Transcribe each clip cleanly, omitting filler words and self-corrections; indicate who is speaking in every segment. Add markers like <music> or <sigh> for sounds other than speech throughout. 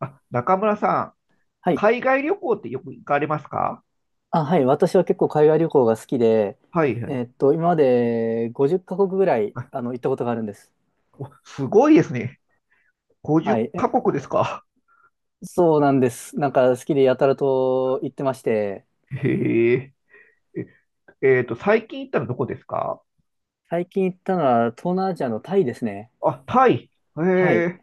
Speaker 1: あ、中村さん、
Speaker 2: はい。
Speaker 1: 海外旅行ってよく行かれますか？
Speaker 2: あ、はい。私は結構海外旅行が好きで、
Speaker 1: はいはい。
Speaker 2: 今まで50カ国ぐらい、行ったことがあるんです。
Speaker 1: お、すごいですね。
Speaker 2: は
Speaker 1: 50
Speaker 2: い。
Speaker 1: カ国ですか？
Speaker 2: そうなんです。なんか好きでやたらと行ってまして、
Speaker 1: へえ。え、えーと、最近行ったのどこですか？
Speaker 2: 最近行ったのは東南アジアのタイですね。
Speaker 1: あ、タイ。へ
Speaker 2: はい。
Speaker 1: え。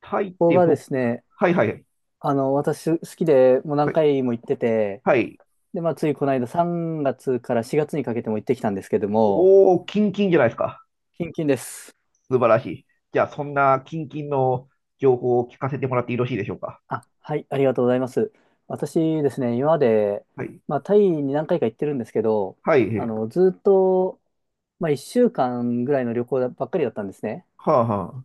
Speaker 1: タイっ
Speaker 2: ここ
Speaker 1: て
Speaker 2: がで
Speaker 1: 僕、
Speaker 2: すね、
Speaker 1: はいはい。
Speaker 2: 私好きでもう何
Speaker 1: はい。
Speaker 2: 回も行ってて、
Speaker 1: はい。
Speaker 2: で、まあ、ついこの間3月から4月にかけても行ってきたんですけども、
Speaker 1: おー、キンキンじゃないですか。
Speaker 2: キンキンです。
Speaker 1: 素晴らしい。じゃあ、そんなキンキンの情報を聞かせてもらってよろしいでしょうか。
Speaker 2: あ、はい、ありがとうございます。私ですね、今まで、
Speaker 1: はい。
Speaker 2: まあ、タイに何回か行ってるんですけど、
Speaker 1: はい。
Speaker 2: ずっと、まあ、1週間ぐらいの旅行ばっかりだったんですね。
Speaker 1: はあは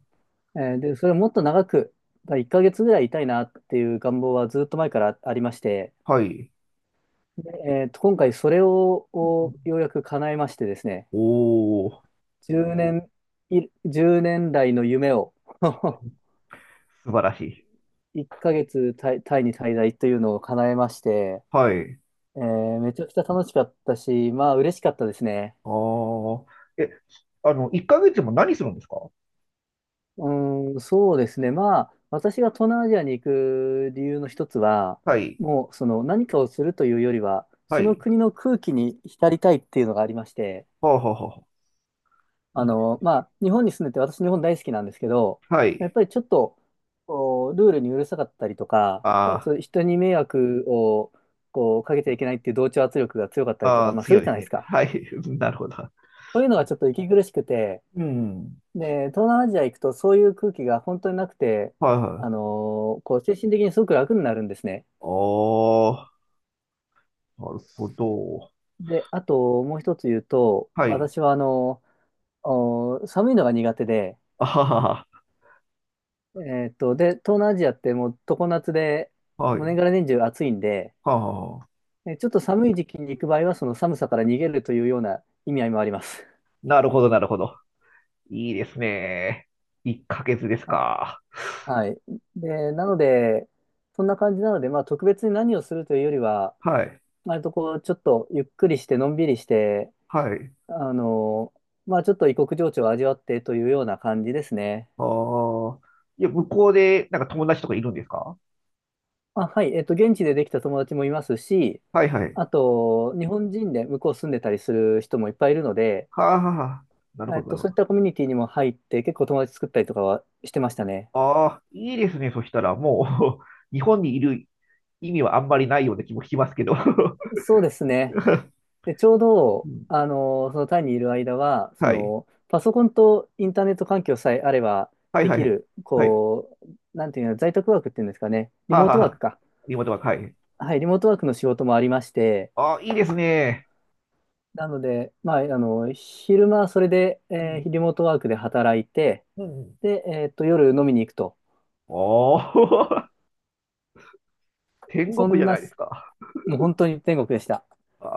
Speaker 2: で、それもっと長く、まあ、1ヶ月ぐらいいたいなっていう願望はずっと前からありまして、
Speaker 1: あ。はい。
Speaker 2: で、今回それをようやく叶えましてですね、
Speaker 1: おー、
Speaker 2: 10年、い1年来の夢を <laughs>
Speaker 1: 素晴らしい。
Speaker 2: 1ヶ月タイに滞在というのを叶えまして、
Speaker 1: はい。
Speaker 2: めちゃくちゃ楽しかったし、まあ嬉しかったですね。
Speaker 1: ああ、え、あの、1ヶ月も何するんですか？
Speaker 2: うーん、そうですね。まあ私が東南アジアに行く理由の一つは、
Speaker 1: はい、
Speaker 2: もうその何かをするというよりは、
Speaker 1: は
Speaker 2: その
Speaker 1: い。
Speaker 2: 国の空気に浸りたいっていうのがありまして、
Speaker 1: はあ、はあ、はあ。いいです。
Speaker 2: まあ日本に住んでて私日本大好きなんですけど、
Speaker 1: は
Speaker 2: やっ
Speaker 1: い。
Speaker 2: ぱりちょっとルールにうるさかったりとか、まあ、
Speaker 1: あ
Speaker 2: そういう人に迷惑をかけちゃいけないっていう同調圧力が強かった
Speaker 1: あ、
Speaker 2: りと
Speaker 1: あ
Speaker 2: か、
Speaker 1: あ、
Speaker 2: まあす
Speaker 1: 強
Speaker 2: る
Speaker 1: い
Speaker 2: じ
Speaker 1: で
Speaker 2: ゃ
Speaker 1: す
Speaker 2: ないです
Speaker 1: ね。
Speaker 2: か。
Speaker 1: はい、<laughs> なるほど。
Speaker 2: そういうのがちょっと息苦しくて、
Speaker 1: うん。
Speaker 2: で、東南アジア行くとそういう空気が本当になくて、
Speaker 1: はい、はい。ああ、
Speaker 2: あの精神的にすごく楽になるんですね。
Speaker 1: なるほど。
Speaker 2: で、あともう一つ言うと、
Speaker 1: はい。
Speaker 2: 私はお寒いのが苦手で、
Speaker 1: あはは
Speaker 2: えで、東南アジアってもう常夏で、
Speaker 1: は、はい。
Speaker 2: もう年がら年中暑いんで、
Speaker 1: はあはあ、
Speaker 2: でちょっと寒い時期に行く場合は、その寒さから逃げるというような意味合いもあります。
Speaker 1: なるほど、なるほど。いいですね。1ヶ月で
Speaker 2: <laughs>
Speaker 1: す
Speaker 2: あ、
Speaker 1: か？
Speaker 2: はい。で、なので、そんな感じなので、まあ特別に何をするというよりは、
Speaker 1: はい、
Speaker 2: 割とちょっとゆっくりして、のんびりして、
Speaker 1: はい。
Speaker 2: あの、まあちょっと異国情緒を味わってというような感じですね。
Speaker 1: ああ、いや、向こうで、なんか友達とかいるんですか？
Speaker 2: あ、はい、現地でできた友達もいますし、
Speaker 1: はい、はい。
Speaker 2: あと、日本人で向こう住んでたりする人もいっぱいいるので、
Speaker 1: はあ、はあはあ、なるほど、なるほ
Speaker 2: そういっ
Speaker 1: ど。
Speaker 2: たコミュニティにも入って、結構友達作ったりとかはしてましたね。
Speaker 1: ああ、いいですね。そしたら、もう <laughs> 日本にいる意味はあんまりないような気もしますけど。 <laughs>
Speaker 2: そうですね。で、ちょう
Speaker 1: う
Speaker 2: ど、
Speaker 1: ん。
Speaker 2: そのタイにいる間は、
Speaker 1: はい。
Speaker 2: パソコンとインターネット環境さえあれば
Speaker 1: はい
Speaker 2: で
Speaker 1: はい
Speaker 2: き
Speaker 1: はい。
Speaker 2: る、
Speaker 1: はい。
Speaker 2: なんていうの、在宅ワークっていうんですかね、リ
Speaker 1: はあ、
Speaker 2: モー
Speaker 1: は
Speaker 2: ト
Speaker 1: あは
Speaker 2: ワー
Speaker 1: あ、
Speaker 2: クか。
Speaker 1: リモートワーク。はい。
Speaker 2: はい、リモートワークの仕事もありまして、
Speaker 1: ああ、いいですね。
Speaker 2: なので、まあ、昼間はそれで、
Speaker 1: うん。
Speaker 2: リモートワークで働いて、
Speaker 1: うんうん。
Speaker 2: で、夜飲みに行くと。
Speaker 1: おー <laughs> 天
Speaker 2: そ
Speaker 1: 国じ
Speaker 2: ん
Speaker 1: ゃな
Speaker 2: な、
Speaker 1: いですか。
Speaker 2: もう本当に天国でした。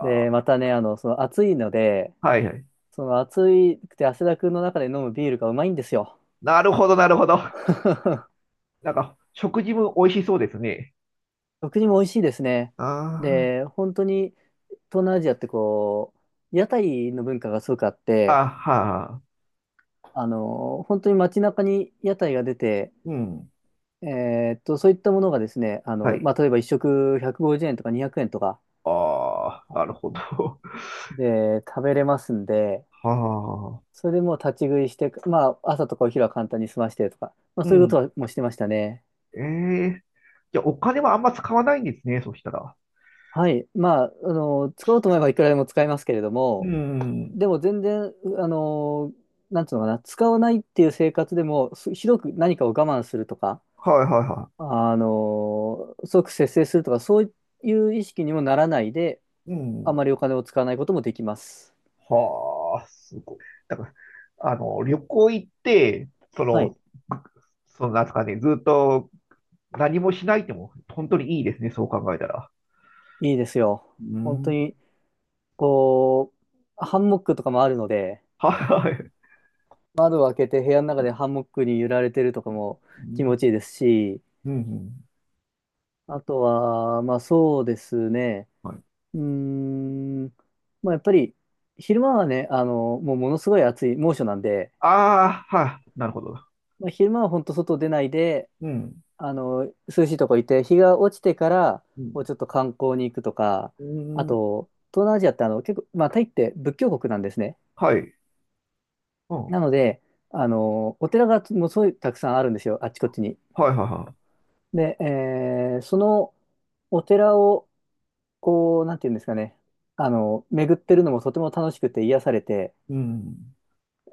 Speaker 2: で、またね、その暑いので、
Speaker 1: あ、はいはい。
Speaker 2: その暑いくて汗だくの中で飲むビールがうまいんですよ。
Speaker 1: なるほど、なるほど。
Speaker 2: <laughs>
Speaker 1: なんか、食事も美味しそうですね。
Speaker 2: 食事も美味しいですね。
Speaker 1: あ
Speaker 2: で、本当に東南アジアって屋台の文化がすごくあっ
Speaker 1: あ、
Speaker 2: て、
Speaker 1: あ、はあ、
Speaker 2: 本当に街中に屋台が出て、
Speaker 1: うん。
Speaker 2: そういったものがですね、
Speaker 1: はい。
Speaker 2: まあ、例えば一食150円とか200円とか
Speaker 1: ああ、なるほど。
Speaker 2: で食べれますんで、
Speaker 1: <laughs> はあ。
Speaker 2: それでもう立ち食いして、まあ、朝とかお昼は簡単に済ましてとか、まあ、
Speaker 1: う
Speaker 2: そういうこと
Speaker 1: ん。
Speaker 2: はもうしてましたね。
Speaker 1: ええじゃあ、お金はあんま使わないんですね、そしたら。
Speaker 2: はい。まあ、使おうと思えばいくらでも使えますけれど
Speaker 1: う
Speaker 2: も、
Speaker 1: ん。
Speaker 2: でも全然、あの、なんつうのかな、使わないっていう生活でも、ひどく何かを我慢するとか、
Speaker 1: はいはいは
Speaker 2: 即節制するとか、そういう意識にもならないで、
Speaker 1: い。う
Speaker 2: あ
Speaker 1: ん。
Speaker 2: まりお金を使わないこともできます。
Speaker 1: はあ、すごい。だから、旅行行って、そ
Speaker 2: は
Speaker 1: の、
Speaker 2: い、
Speaker 1: なんですかね、ずっと何もしないっても、本当にいいですね、そう考えたら。
Speaker 2: いいですよ。
Speaker 1: う
Speaker 2: 本当
Speaker 1: ん。
Speaker 2: に、こう、ハンモックとかもあるので、
Speaker 1: はいはい。
Speaker 2: 窓を開けて部屋の中
Speaker 1: う
Speaker 2: でハンモックに揺られてるとかも気
Speaker 1: ん。
Speaker 2: 持ちいいですし、
Speaker 1: うん。
Speaker 2: あとは、まあそうですね、
Speaker 1: はい。
Speaker 2: うーん、まあやっぱり、昼間はね、もうものすごい暑い猛暑なんで、
Speaker 1: ああ、はい、なるほど。
Speaker 2: まあ、昼間は本当外出ないで、
Speaker 1: うん。
Speaker 2: あの、涼しいとこ行って、日が落ちてから、
Speaker 1: うん。
Speaker 2: ちょっと観光に行くとか、
Speaker 1: う
Speaker 2: あ
Speaker 1: ん。
Speaker 2: と、東南アジアって結構、まあタイって仏教国なんですね。
Speaker 1: はい。うん。は
Speaker 2: なので、お寺がもうすごいたくさんあるんですよ、あっちこっちに。
Speaker 1: いはいは
Speaker 2: で、そのお寺を、なんていうんですかね、巡ってるのもとても楽しくて癒されて、
Speaker 1: い。うん。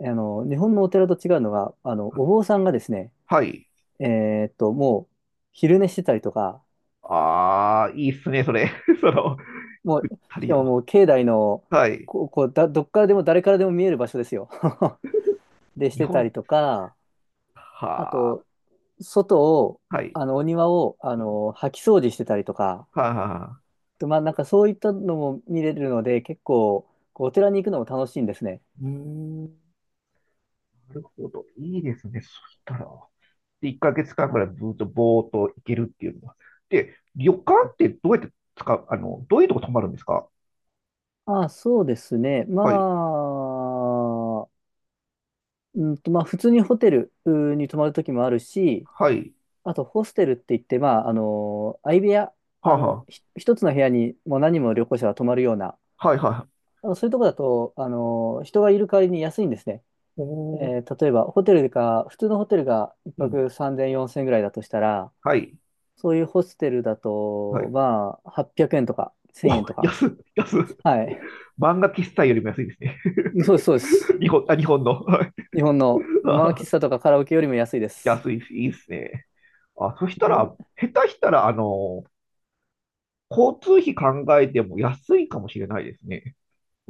Speaker 2: 日本のお寺と違うのが、お坊さんがですね、
Speaker 1: はい。
Speaker 2: もう、昼寝してたりとか、
Speaker 1: ああ、いいっすね、それ。<laughs> その、
Speaker 2: もう、
Speaker 1: 足
Speaker 2: し
Speaker 1: り
Speaker 2: か
Speaker 1: る。
Speaker 2: ももう、境内の、
Speaker 1: はい。
Speaker 2: こう、こうだ、どっからでも誰からでも見える場所ですよ。<laughs> で、し
Speaker 1: 日
Speaker 2: てた
Speaker 1: 本、
Speaker 2: りとか、あ
Speaker 1: は
Speaker 2: と、外を、
Speaker 1: あ、はい。
Speaker 2: お庭を、掃き掃除してたりとか、
Speaker 1: はあ、はあ、
Speaker 2: と、まあ、なんかそういったのも見れるので、結構、お寺に行くのも楽しいんですね。
Speaker 1: うーん、なるほど。いいですね。そしたら、で1ヶ月間ぐ
Speaker 2: は
Speaker 1: らいずっとぼーっと行けるっていうのは。で、旅館
Speaker 2: い。
Speaker 1: ってどうやって使う、どういうとこ泊まるんですか？
Speaker 2: ああ、そうですね。ま
Speaker 1: はい、
Speaker 2: あ、まあ、普通にホテルに泊まるときもあるし、
Speaker 1: はい、
Speaker 2: あと、ホステルって言って、まあ、相部屋、
Speaker 1: はあ、は
Speaker 2: 一つの部屋にもう何人も旅行者が泊まるような、
Speaker 1: あ、はい、はい。
Speaker 2: そういうとこだと、人がいる代わりに安いんですね。
Speaker 1: おー、
Speaker 2: 例えば、ホテルか普通のホテルが1
Speaker 1: うん、
Speaker 2: 泊3000、4000ぐらいだとしたら、
Speaker 1: はい、
Speaker 2: そういうホステルだ
Speaker 1: は
Speaker 2: と、
Speaker 1: い。
Speaker 2: まあ、800円とか
Speaker 1: お、
Speaker 2: 1000円とか。
Speaker 1: 安い、安っ。
Speaker 2: はい。
Speaker 1: 漫画喫茶よりも安いですね。
Speaker 2: そうです、そうです。
Speaker 1: <laughs> 日本、あ、日本の。はい。
Speaker 2: 日本のマー
Speaker 1: あ
Speaker 2: キスタとかカラオケよりも安いで
Speaker 1: <laughs>
Speaker 2: す。
Speaker 1: 安いです、いいですね。あ、そしたら、下手したら、交通費考えても安いかもしれないですね。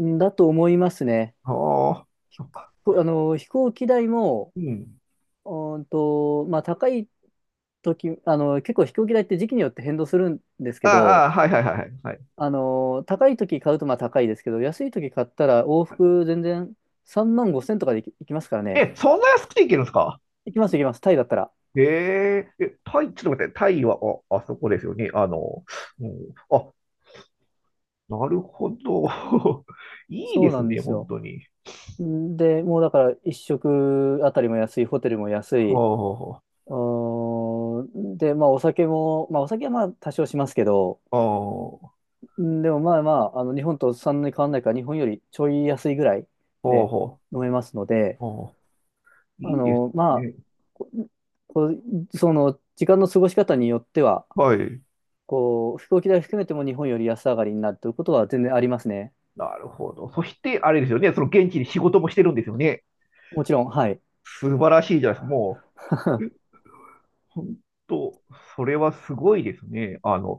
Speaker 2: んだと思いますね。
Speaker 1: ああ、そっか。
Speaker 2: こあの、飛行機代も、
Speaker 1: うん。
Speaker 2: うまあ、高い時、結構飛行機代って時期によって変動するんです
Speaker 1: あ
Speaker 2: け
Speaker 1: あ、あ
Speaker 2: ど、
Speaker 1: あはいはいはいはいはい。
Speaker 2: 高い時買うとまあ高いですけど、安い時買ったら往復全然3万5千とかで行きますからね。
Speaker 1: え、そんな安くていけるんですか？
Speaker 2: 行きます、行きます。タイだったら。
Speaker 1: へえ、え、タイ、ちょっと待って、タイは、あ、あそこですよね。うん、あ、なるほど。<laughs> いい
Speaker 2: そ
Speaker 1: で
Speaker 2: うな
Speaker 1: す
Speaker 2: んで
Speaker 1: ね、
Speaker 2: す
Speaker 1: 本
Speaker 2: よ。
Speaker 1: 当に。
Speaker 2: で、もうだから一食あたりも安い、ホテルも安
Speaker 1: はあ、
Speaker 2: い。
Speaker 1: は
Speaker 2: うーんで、まあお酒も、まあお酒はまあ多少しますけど、
Speaker 1: あ、は
Speaker 2: んでもまあまあ、日本とそんなに変わんないから、日本よりちょい安いぐらい
Speaker 1: あ、
Speaker 2: で
Speaker 1: は
Speaker 2: 飲めますので、
Speaker 1: あ、あ。いいです
Speaker 2: まあ、
Speaker 1: ね。
Speaker 2: ここうその時間の過ごし方によっては、
Speaker 1: はい。
Speaker 2: 飛行機代含めても日本より安上がりになるということは全然ありますね。
Speaker 1: なるほど。そして、あれですよね、その現地で仕事もしてるんですよね。
Speaker 2: もちろん、はい。
Speaker 1: 素晴らしいじゃないですか。もう
Speaker 2: <laughs> は
Speaker 1: 本当、それはすごいですね。っ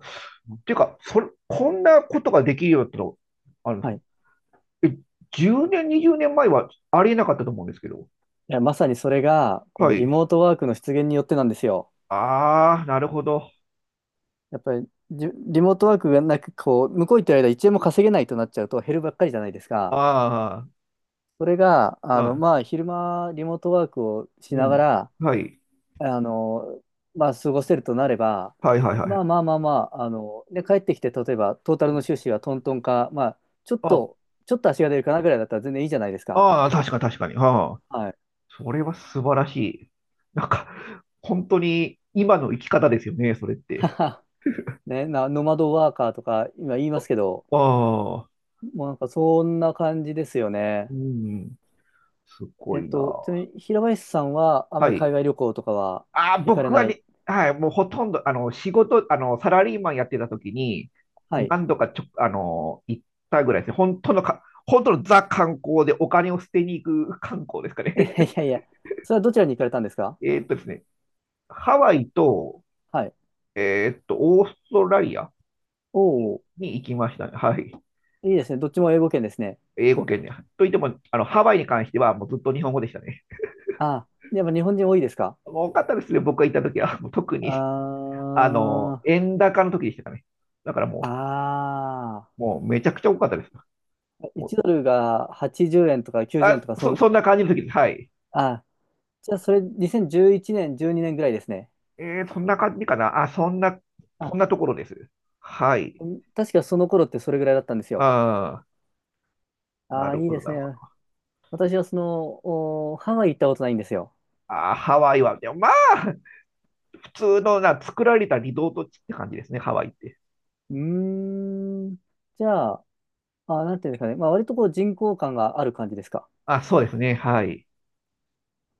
Speaker 1: ていうか、それ、こんなことができるようになったの、あの、
Speaker 2: い。
Speaker 1: え、10年、20年前はありえなかったと思うんですけど。
Speaker 2: いや、まさにそれが、こ
Speaker 1: は
Speaker 2: のリ
Speaker 1: い。
Speaker 2: モートワークの出現によってなんですよ。
Speaker 1: ああ、なるほど。
Speaker 2: やっぱりリモートワークがなく、向こう行ってる間一円も稼げないとなっちゃうと減るばっかりじゃないですか。
Speaker 1: あ
Speaker 2: それが、
Speaker 1: あ、は
Speaker 2: まあ、昼間、リモートワークを
Speaker 1: い。
Speaker 2: し
Speaker 1: う
Speaker 2: なが
Speaker 1: ん。
Speaker 2: ら、
Speaker 1: はい。
Speaker 2: あの、まあ、過ごせるとなれば、
Speaker 1: はいはいはい。
Speaker 2: で、帰ってきて、例えば、トータルの収支はトントンか、まあ、ちょっ
Speaker 1: あ、
Speaker 2: と、ちょっと足が出るかなぐらいだったら全然いいじゃないですか。
Speaker 1: ああ、確かに確かに。ああ、
Speaker 2: はい。
Speaker 1: それは素晴らしい。なんか、本当に今の生き方ですよね、それっ
Speaker 2: <laughs> は
Speaker 1: て。
Speaker 2: はね、ノマドワーカーとか今言いますけど、
Speaker 1: ああ、
Speaker 2: もうなんかそんな感じですよ
Speaker 1: う
Speaker 2: ね。
Speaker 1: ん、すごいな。
Speaker 2: ちなみに平林さんはあま
Speaker 1: は
Speaker 2: り海
Speaker 1: い。
Speaker 2: 外旅行とかは
Speaker 1: あー、
Speaker 2: 行かれ
Speaker 1: 僕は
Speaker 2: ない？
Speaker 1: ね、はい、もうほとんど、仕事、サラリーマンやってた時に、
Speaker 2: はい。
Speaker 1: 何度かちょ、あの、行ったぐらいですね。本当のザ観光でお金を捨てに行く観光ですかね。
Speaker 2: <laughs> いやいや、それはどちらに行かれたんですか？
Speaker 1: <laughs> ですね、ハワイと、
Speaker 2: はい。
Speaker 1: オーストラリア
Speaker 2: おお、
Speaker 1: に行きましたね。はい。
Speaker 2: いいですね。どっちも英語圏ですね。
Speaker 1: 英語圏で。といっても、ハワイに関してはもうずっと日本語でしたね。
Speaker 2: ああ、やっぱ日本人多いですか？
Speaker 1: 多かったですね、僕が行った時は。<laughs> もう特
Speaker 2: あ
Speaker 1: に、
Speaker 2: ー、
Speaker 1: 円高の時でしたかね。だからも
Speaker 2: あ
Speaker 1: う、もうめちゃくちゃ多かったです。
Speaker 2: ー、
Speaker 1: も
Speaker 2: 1
Speaker 1: う
Speaker 2: ドルが80円とか90円
Speaker 1: あ、
Speaker 2: とか、
Speaker 1: そんな感じの時です。はい。
Speaker 2: あ、じゃあそれ2011年、12年ぐらいですね。
Speaker 1: そんな感じかな。あ、そん
Speaker 2: あ、
Speaker 1: なところです。はい。
Speaker 2: うん確かその頃ってそれぐらいだったんですよ。
Speaker 1: あー、な
Speaker 2: ああ、
Speaker 1: る
Speaker 2: いい
Speaker 1: ほど、
Speaker 2: です
Speaker 1: なるほ
Speaker 2: ね。
Speaker 1: ど。
Speaker 2: 私はおハワイ行ったことないんですよ。
Speaker 1: あー、ハワイは、でもまあ、普通のな、作られたリゾート地って感じですね、ハワイって。
Speaker 2: うーん。じゃあ、あ、なんていうんですかね。まあ、割と人工感がある感じですか？
Speaker 1: あ、そうですね。はい。